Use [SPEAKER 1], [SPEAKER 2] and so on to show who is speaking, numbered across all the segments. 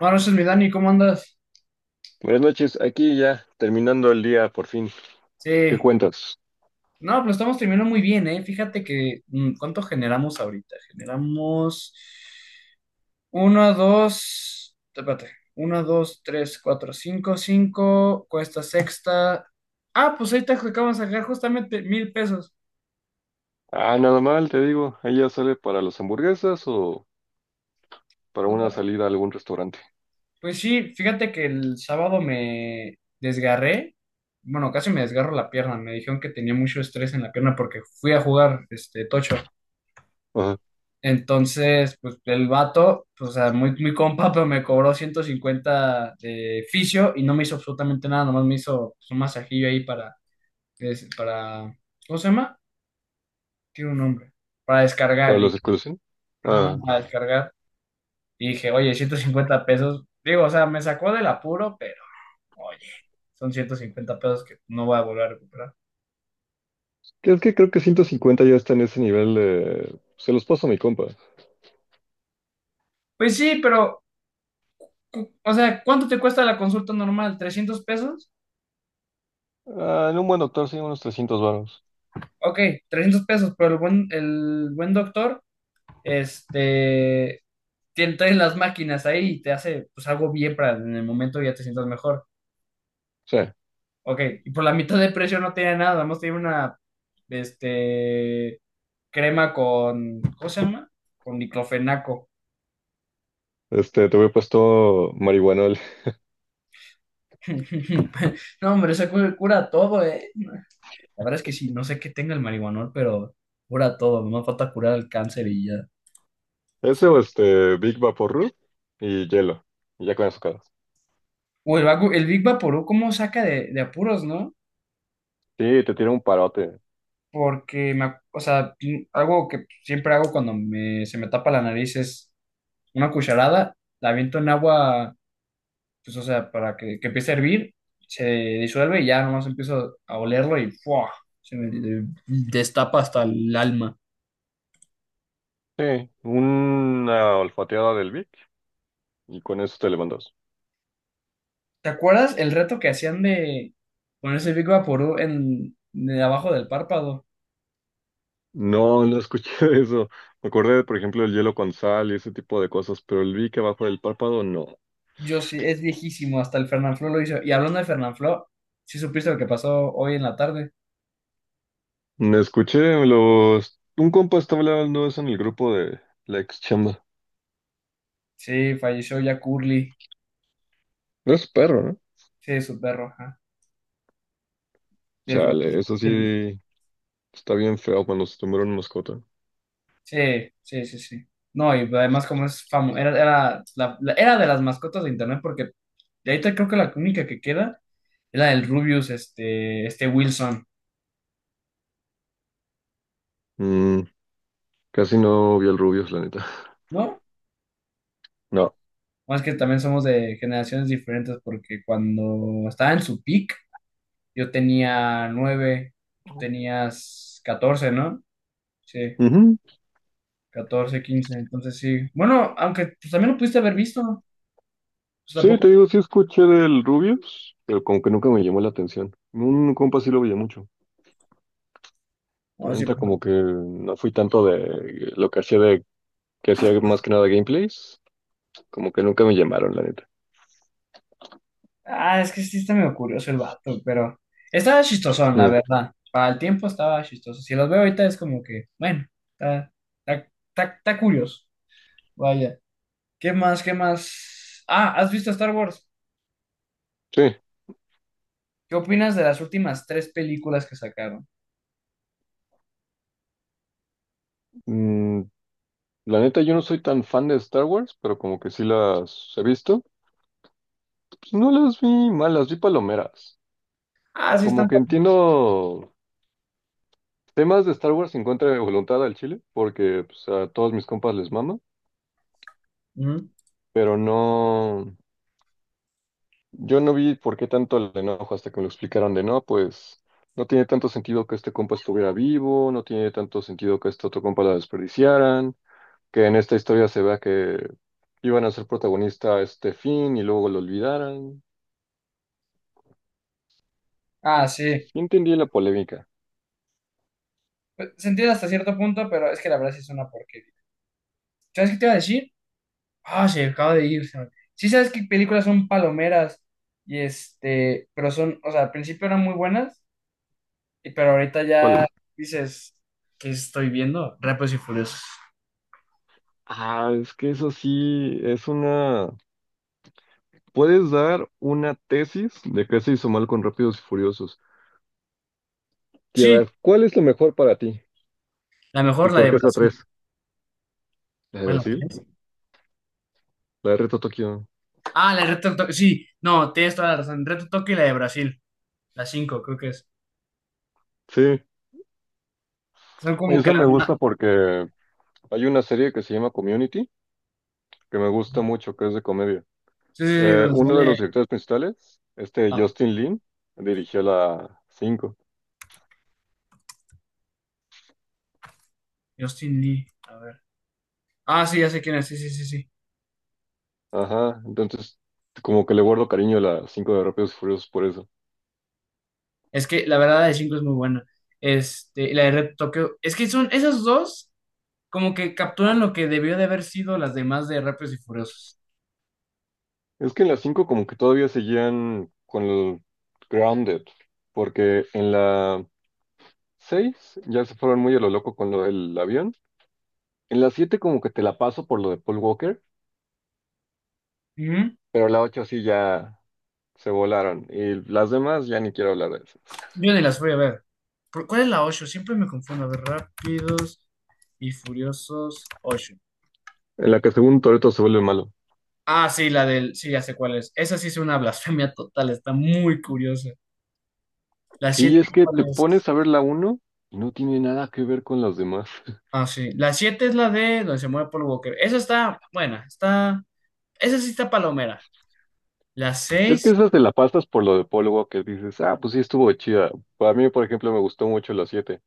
[SPEAKER 1] Buenas noches, mi Dani, ¿cómo andas?
[SPEAKER 2] Buenas noches, aquí ya terminando el día por fin. ¿Qué
[SPEAKER 1] Sí.
[SPEAKER 2] cuentas?
[SPEAKER 1] No, pero estamos terminando muy bien, ¿eh? Fíjate que, ¿cuánto generamos ahorita? Generamos uno 2 espérate, 1, 2 3 4 5 5 cuesta sexta. Ah, pues ahorita acabamos de sacar justamente $1,000.
[SPEAKER 2] Ah, nada mal, te digo. ¿Ella sale para las hamburguesas o para
[SPEAKER 1] Pues
[SPEAKER 2] una salida a algún restaurante?
[SPEAKER 1] pues sí, fíjate que el sábado me desgarré, bueno, casi me desgarro la pierna, me dijeron que tenía mucho estrés en la pierna porque fui a jugar, tocho.
[SPEAKER 2] Ajá.
[SPEAKER 1] Entonces, pues el vato, pues, o sea, muy, muy compa, pero me cobró 150 de fisio y no me hizo absolutamente nada, nomás me hizo pues un masajillo ahí para, para, ¿cómo se llama? Tiene un nombre, para descargar
[SPEAKER 2] ¿Para la
[SPEAKER 1] el
[SPEAKER 2] circulación?
[SPEAKER 1] ajá,
[SPEAKER 2] Ah.
[SPEAKER 1] no, para descargar. Y dije, oye, $150, digo, o sea, me sacó del apuro, pero, oye, son $150 que no voy a volver a recuperar.
[SPEAKER 2] Es que creo que 150 ya está en ese nivel de. Se los paso a mi compa.
[SPEAKER 1] Pues sí, pero, o sea, ¿cuánto te cuesta la consulta normal? ¿$300?
[SPEAKER 2] Ah, en un buen doctor sí, unos 300 varos.
[SPEAKER 1] Ok, $300, pero el buen doctor. Este, Traes las máquinas ahí y te hace pues algo bien para en el momento ya te sientas mejor.
[SPEAKER 2] Sí.
[SPEAKER 1] Ok, y por la mitad de precio no tiene nada, más tiene una, este, crema con, ¿cómo se llama? Con diclofenaco.
[SPEAKER 2] Te voy puesto marihuanol.
[SPEAKER 1] No, hombre, eso cura todo, ¿eh? La verdad es que sí, no sé qué tenga el marihuanol, pero cura todo, nomás falta curar el cáncer y ya.
[SPEAKER 2] Ese o este, Big Vaporub y hielo. Y ya con eso acabas.
[SPEAKER 1] O el, el Big Vaporú, ¿cómo saca de apuros, no?
[SPEAKER 2] Sí, te tira un parote.
[SPEAKER 1] Porque me, o sea, algo que siempre hago cuando me, se me tapa la nariz es una cucharada, la aviento en agua, pues o sea, para que empiece a hervir, se disuelve y ya nomás empiezo a olerlo y ¡fua! Se me destapa hasta el alma.
[SPEAKER 2] Sí, una olfateada del Vic y con eso te levantas.
[SPEAKER 1] ¿Te acuerdas el reto que hacían de ponerse Big Vaporú en, de abajo del párpado?
[SPEAKER 2] No, no escuché de eso. Me acordé, por ejemplo, del hielo con sal y ese tipo de cosas, pero el Vic abajo del párpado, no.
[SPEAKER 1] Yo sí, es viejísimo, hasta el Fernanfloo lo hizo. Y hablando de Fernanfloo, ¿sí supiste lo que pasó hoy en la tarde?
[SPEAKER 2] No escuché los. Un compa estaba hablando de eso en el grupo de la ex chamba.
[SPEAKER 1] Sí, falleció ya Curly.
[SPEAKER 2] No es perro, ¿no?
[SPEAKER 1] Sí, su perro, ajá. Les gu-
[SPEAKER 2] Chale, eso sí está bien feo cuando se tomaron mascota.
[SPEAKER 1] Sí, sí, sí, sí. No, y además como es famoso, era, era, era de las mascotas de internet porque de ahorita creo que la única que queda es la del Rubius, este Wilson,
[SPEAKER 2] Mm, Casi no vi al Rubius, la neta.
[SPEAKER 1] ¿no?
[SPEAKER 2] No.
[SPEAKER 1] Más que también somos de generaciones diferentes porque cuando estaba en su peak yo tenía 9, tú tenías 14, ¿no? Sí,
[SPEAKER 2] Ujú.
[SPEAKER 1] 14, 15, entonces sí. Bueno, aunque pues, también lo pudiste haber visto, pues
[SPEAKER 2] Sí, te
[SPEAKER 1] tampoco.
[SPEAKER 2] digo, sí escuché del Rubius, pero como que nunca me llamó la atención. Un compa sí lo veía mucho. Pero
[SPEAKER 1] No, sí.
[SPEAKER 2] ahorita como que no fui tanto de lo que hacía de que hacía más que nada gameplays, como que nunca me llamaron, la neta.
[SPEAKER 1] Ah, es que sí está medio curioso el vato, pero estaba chistosón, la
[SPEAKER 2] Mm.
[SPEAKER 1] verdad. Para el tiempo estaba chistoso. Si los veo ahorita es como que, bueno, está, está, está, está curioso. Vaya. ¿Qué más? ¿Qué más? Ah, ¿has visto Star Wars?
[SPEAKER 2] Sí.
[SPEAKER 1] ¿Qué opinas de las últimas tres películas que sacaron?
[SPEAKER 2] Mm, la neta yo no soy tan fan de Star Wars, pero como que sí las he visto. Pues no las vi malas, vi palomeras.
[SPEAKER 1] Ah, sí,
[SPEAKER 2] Como
[SPEAKER 1] están.
[SPEAKER 2] que entiendo temas de Star Wars en contra de voluntad al chile, porque pues, a todos mis compas les mama,
[SPEAKER 1] Ujú.
[SPEAKER 2] pero no. Yo no vi por qué tanto el enojo hasta que me lo explicaron de no, pues no tiene tanto sentido que este compa estuviera vivo, no tiene tanto sentido que este otro compa la desperdiciaran, que en esta historia se vea que iban a ser protagonista a este fin y luego lo olvidaran.
[SPEAKER 1] Ah, sí.
[SPEAKER 2] Sí entendí la polémica.
[SPEAKER 1] Pues se entiende hasta cierto punto, pero es que la verdad sí es una porquería. ¿Sabes qué te iba a decir? Ah, se acaba de ir. Sí, sabes que películas son palomeras pero son, o sea, al principio eran muy buenas. Y pero ahorita
[SPEAKER 2] ¿Cuál
[SPEAKER 1] ya
[SPEAKER 2] es?
[SPEAKER 1] dices, ¿qué estoy viendo? Rápidos y Furiosos.
[SPEAKER 2] Ah, es que eso sí es una. Puedes dar una tesis de qué se hizo mal con Rápidos y Furiosos. Y a
[SPEAKER 1] Sí,
[SPEAKER 2] ver, ¿cuál es lo mejor para ti?
[SPEAKER 1] la mejor
[SPEAKER 2] ¿Y
[SPEAKER 1] la
[SPEAKER 2] por
[SPEAKER 1] de
[SPEAKER 2] qué es la
[SPEAKER 1] Brasil.
[SPEAKER 2] 3? ¿La de
[SPEAKER 1] ¿Cuál es la
[SPEAKER 2] Brasil?
[SPEAKER 1] tres?
[SPEAKER 2] ¿La de Reto Tokio?
[SPEAKER 1] Ah, la de Reto Tokio. Sí, no, tienes toda la razón. Reto Tokio y la de Brasil. La cinco, creo que es.
[SPEAKER 2] Sí.
[SPEAKER 1] Son como que
[SPEAKER 2] Eso me
[SPEAKER 1] las más.
[SPEAKER 2] gusta porque hay una serie que se llama Community, que me gusta mucho, que es de comedia.
[SPEAKER 1] Sí, sí, sí, donde
[SPEAKER 2] Uno de
[SPEAKER 1] sale
[SPEAKER 2] los directores principales,
[SPEAKER 1] ah,
[SPEAKER 2] Justin Lin, dirigió la 5.
[SPEAKER 1] Justin Lee. A ver. Ah, sí, ya sé quién es. Sí, sí, sí, sí.
[SPEAKER 2] Ajá, entonces como que le guardo cariño a la 5 de Rápidos y Furiosos por eso.
[SPEAKER 1] Es que la verdad la de cinco es muy buena. Y la de Reto Tokio. Es que son esas dos como que capturan lo que debió de haber sido las demás de Rápidos y Furiosos.
[SPEAKER 2] Es que en la 5 como que todavía seguían con el Grounded, porque en la 6 ya se fueron muy a lo loco con lo del avión. En la 7 como que te la paso por lo de Paul Walker, pero la 8 sí ya se volaron. Y las demás ya ni quiero hablar de esas.
[SPEAKER 1] Yo ni las voy a ver. ¿Cuál es la 8? Siempre me confundo. A ver, Rápidos y Furiosos 8.
[SPEAKER 2] En la que según Toretto se vuelve malo.
[SPEAKER 1] Ah, sí, la del... Sí, ya sé cuál es. Esa sí es una blasfemia total. Está muy curiosa. La siete,
[SPEAKER 2] Sí, es que te
[SPEAKER 1] ¿cuál es?
[SPEAKER 2] pones a ver la uno y no tiene nada que ver con las demás.
[SPEAKER 1] Ah, sí. La 7 es la de donde se muere Paul Walker. Esa está buena. Está... Esa sí está palomera. La
[SPEAKER 2] Es que
[SPEAKER 1] 6.
[SPEAKER 2] esas te la pasas por lo de Paul Walker. Dices, ah, pues sí estuvo chida. Para mí, por ejemplo, me gustó mucho la siete.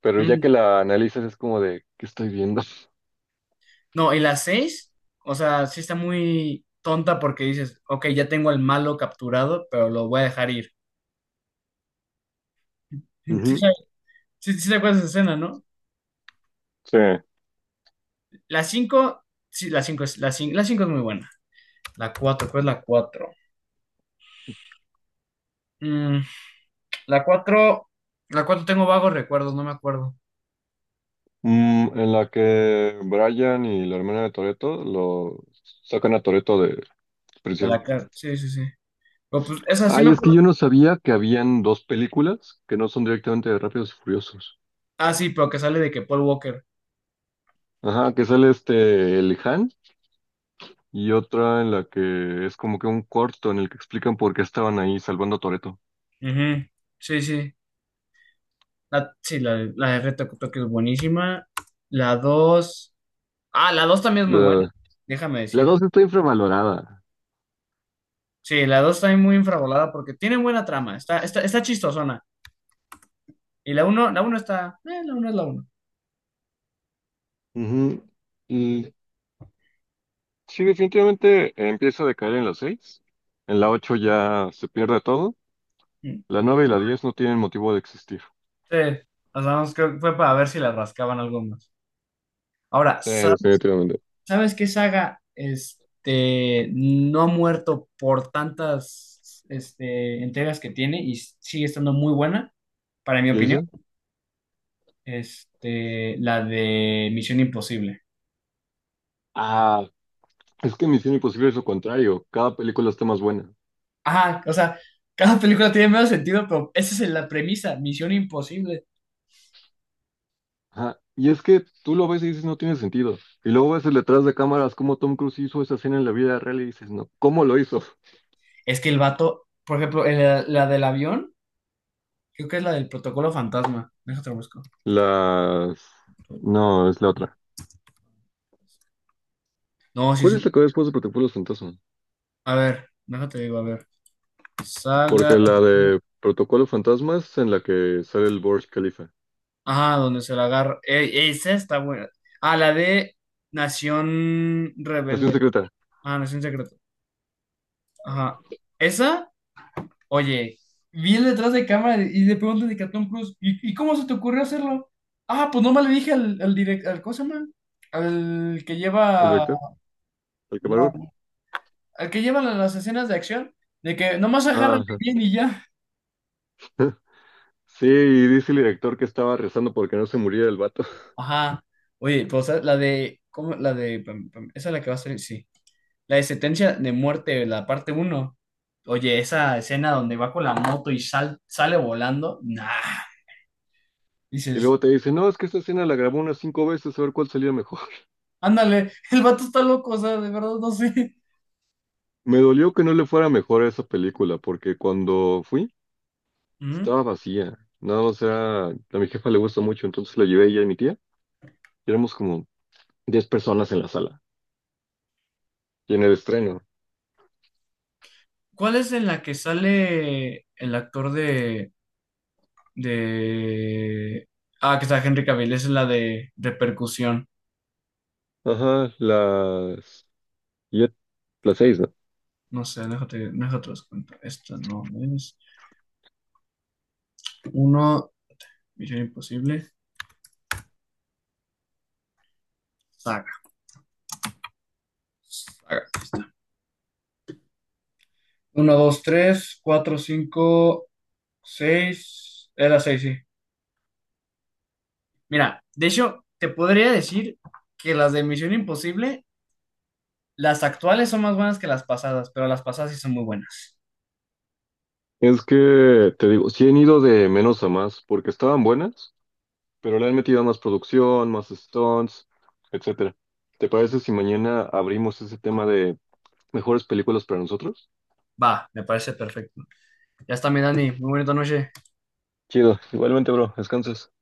[SPEAKER 2] Pero ya que
[SPEAKER 1] mm,
[SPEAKER 2] la analizas es como de, ¿qué estoy viendo?
[SPEAKER 1] No, y la 6. O sea, sí está muy tonta porque dices, ok, ya tengo al malo capturado, pero lo voy a dejar ir. Sí, sí,
[SPEAKER 2] Ujú.
[SPEAKER 1] sí, sí te acuerdas de esa escena, ¿no?
[SPEAKER 2] Sí.
[SPEAKER 1] La 5 sí, la 5 es, la 5, la 5 es muy buena. La cuatro, ¿cuál es la 4? la 4 la 4 tengo vagos recuerdos, no me acuerdo.
[SPEAKER 2] En la que Brian y la hermana de Toretto lo sacan a Toretto de
[SPEAKER 1] De
[SPEAKER 2] prisión.
[SPEAKER 1] la cara, sí, sí, sí. Pero pues esa sí
[SPEAKER 2] Ay,
[SPEAKER 1] me
[SPEAKER 2] es que
[SPEAKER 1] acuerdo.
[SPEAKER 2] yo no sabía que habían dos películas que no son directamente de Rápidos y Furiosos.
[SPEAKER 1] Ah, sí, pero que sale de que Paul Walker.
[SPEAKER 2] Ajá, que sale el Han, y otra en la que es como que un corto en el que explican por qué estaban ahí salvando a Toretto.
[SPEAKER 1] Ujú, sí, sí. La, sí, la de Reto Tokio es buenísima. La 2 ah, la 2 también es muy buena,
[SPEAKER 2] La,
[SPEAKER 1] déjame
[SPEAKER 2] la
[SPEAKER 1] decir.
[SPEAKER 2] dos está infravalorada.
[SPEAKER 1] Sí, la 2 también muy infravolada porque tiene buena trama, está, está, está chistosona. Y la uno está, la uno es la uno.
[SPEAKER 2] Ujú. Y sí, definitivamente empieza a decaer en la seis. En la ocho ya se pierde todo.
[SPEAKER 1] Mm.
[SPEAKER 2] La nueve y la 10 no tienen motivo de existir.
[SPEAKER 1] Sí, o sea, vamos, creo que fue para ver si le rascaban algo más. Ahora,
[SPEAKER 2] Sí, definitivamente.
[SPEAKER 1] ¿sabes qué saga no ha muerto por tantas entregas que tiene y sigue estando muy buena, para mi
[SPEAKER 2] ¿Y
[SPEAKER 1] opinión?
[SPEAKER 2] Jason?
[SPEAKER 1] La de Misión Imposible.
[SPEAKER 2] Ah, es que Misión Imposible es lo contrario. Cada película está más buena.
[SPEAKER 1] Ajá, o sea, cada película tiene menos sentido, pero esa es la premisa, Misión Imposible.
[SPEAKER 2] Ajá. Y es que tú lo ves y dices, no tiene sentido. Y luego ves el detrás de cámaras cómo Tom Cruise hizo esa escena en la vida real y dices, no, ¿cómo lo hizo?
[SPEAKER 1] Es que el vato, por ejemplo, la del avión, creo que es la del protocolo fantasma. Déjate lo busco.
[SPEAKER 2] Las. No, es la otra.
[SPEAKER 1] No, sí,
[SPEAKER 2] ¿Cuál es
[SPEAKER 1] sí.
[SPEAKER 2] la que va después de Protocolo Fantasma?
[SPEAKER 1] A ver, déjate digo, a ver. Saga.
[SPEAKER 2] Porque la de Protocolo Fantasma es en la que sale el Burj Khalifa.
[SPEAKER 1] Ah, donde se la agarra. Esa está buena. Ah, la de Nación
[SPEAKER 2] Nación
[SPEAKER 1] Rebelde.
[SPEAKER 2] secreta.
[SPEAKER 1] Ah, Nación Secreta. Ajá. Esa, oye, vi el detrás de cámara y le preguntan de Catón Cruz, y cómo se te ocurrió hacerlo? Ah, pues nomás le dije al, al director, al, ¿cómo se llama? Al que
[SPEAKER 2] ¿El
[SPEAKER 1] lleva,
[SPEAKER 2] director? ¿El camarógrafo?
[SPEAKER 1] no, al que lleva las escenas de acción, de que nomás
[SPEAKER 2] Ah,
[SPEAKER 1] agárrame
[SPEAKER 2] ajá.
[SPEAKER 1] bien y ya.
[SPEAKER 2] Sí, y dice el director que estaba rezando porque no se muriera el vato.
[SPEAKER 1] Ajá. Oye, pues ¿sabes? La de, ¿cómo? La de, pam, pam, esa es la que va a salir, sí. La de sentencia de muerte, la parte uno. Oye, esa escena donde va con la moto y sale volando, nah.
[SPEAKER 2] Y
[SPEAKER 1] Dices,
[SPEAKER 2] luego te dice, no, es que esta escena la grabó unas 5 veces a ver cuál salía mejor.
[SPEAKER 1] ándale, el vato está loco, o sea, de verdad no sé.
[SPEAKER 2] Me dolió que no le fuera mejor a esa película, porque cuando fui,
[SPEAKER 1] ¿Mm?
[SPEAKER 2] estaba vacía. Nada más era, a mi jefa le gusta mucho, entonces la llevé ella y mi tía. Y éramos como 10 personas en la sala. Y en el estreno.
[SPEAKER 1] ¿Cuál es en la que sale el actor de... Ah, que está Henry Cavill, esa es la de repercusión.
[SPEAKER 2] Ajá, las siete- las seis, ¿no?
[SPEAKER 1] No sé, déjate, déjate los cuento. Esta no es. Uno, Misión Imposible. Haga. 1, 2, 3, 4, 5, 6. Era 6 sí. Mira, de hecho, te podría decir que las de Misión Imposible, las actuales son más buenas que las pasadas, pero las pasadas sí son muy buenas.
[SPEAKER 2] Es que, te digo, sí han ido de menos a más, porque estaban buenas, pero le han metido más producción, más stunts, etcétera. ¿Te parece si mañana abrimos ese tema de mejores películas para nosotros?
[SPEAKER 1] Va, me parece perfecto. Ya está, mi Dani. Muy bonita noche.
[SPEAKER 2] Chido, igualmente, bro, descansas.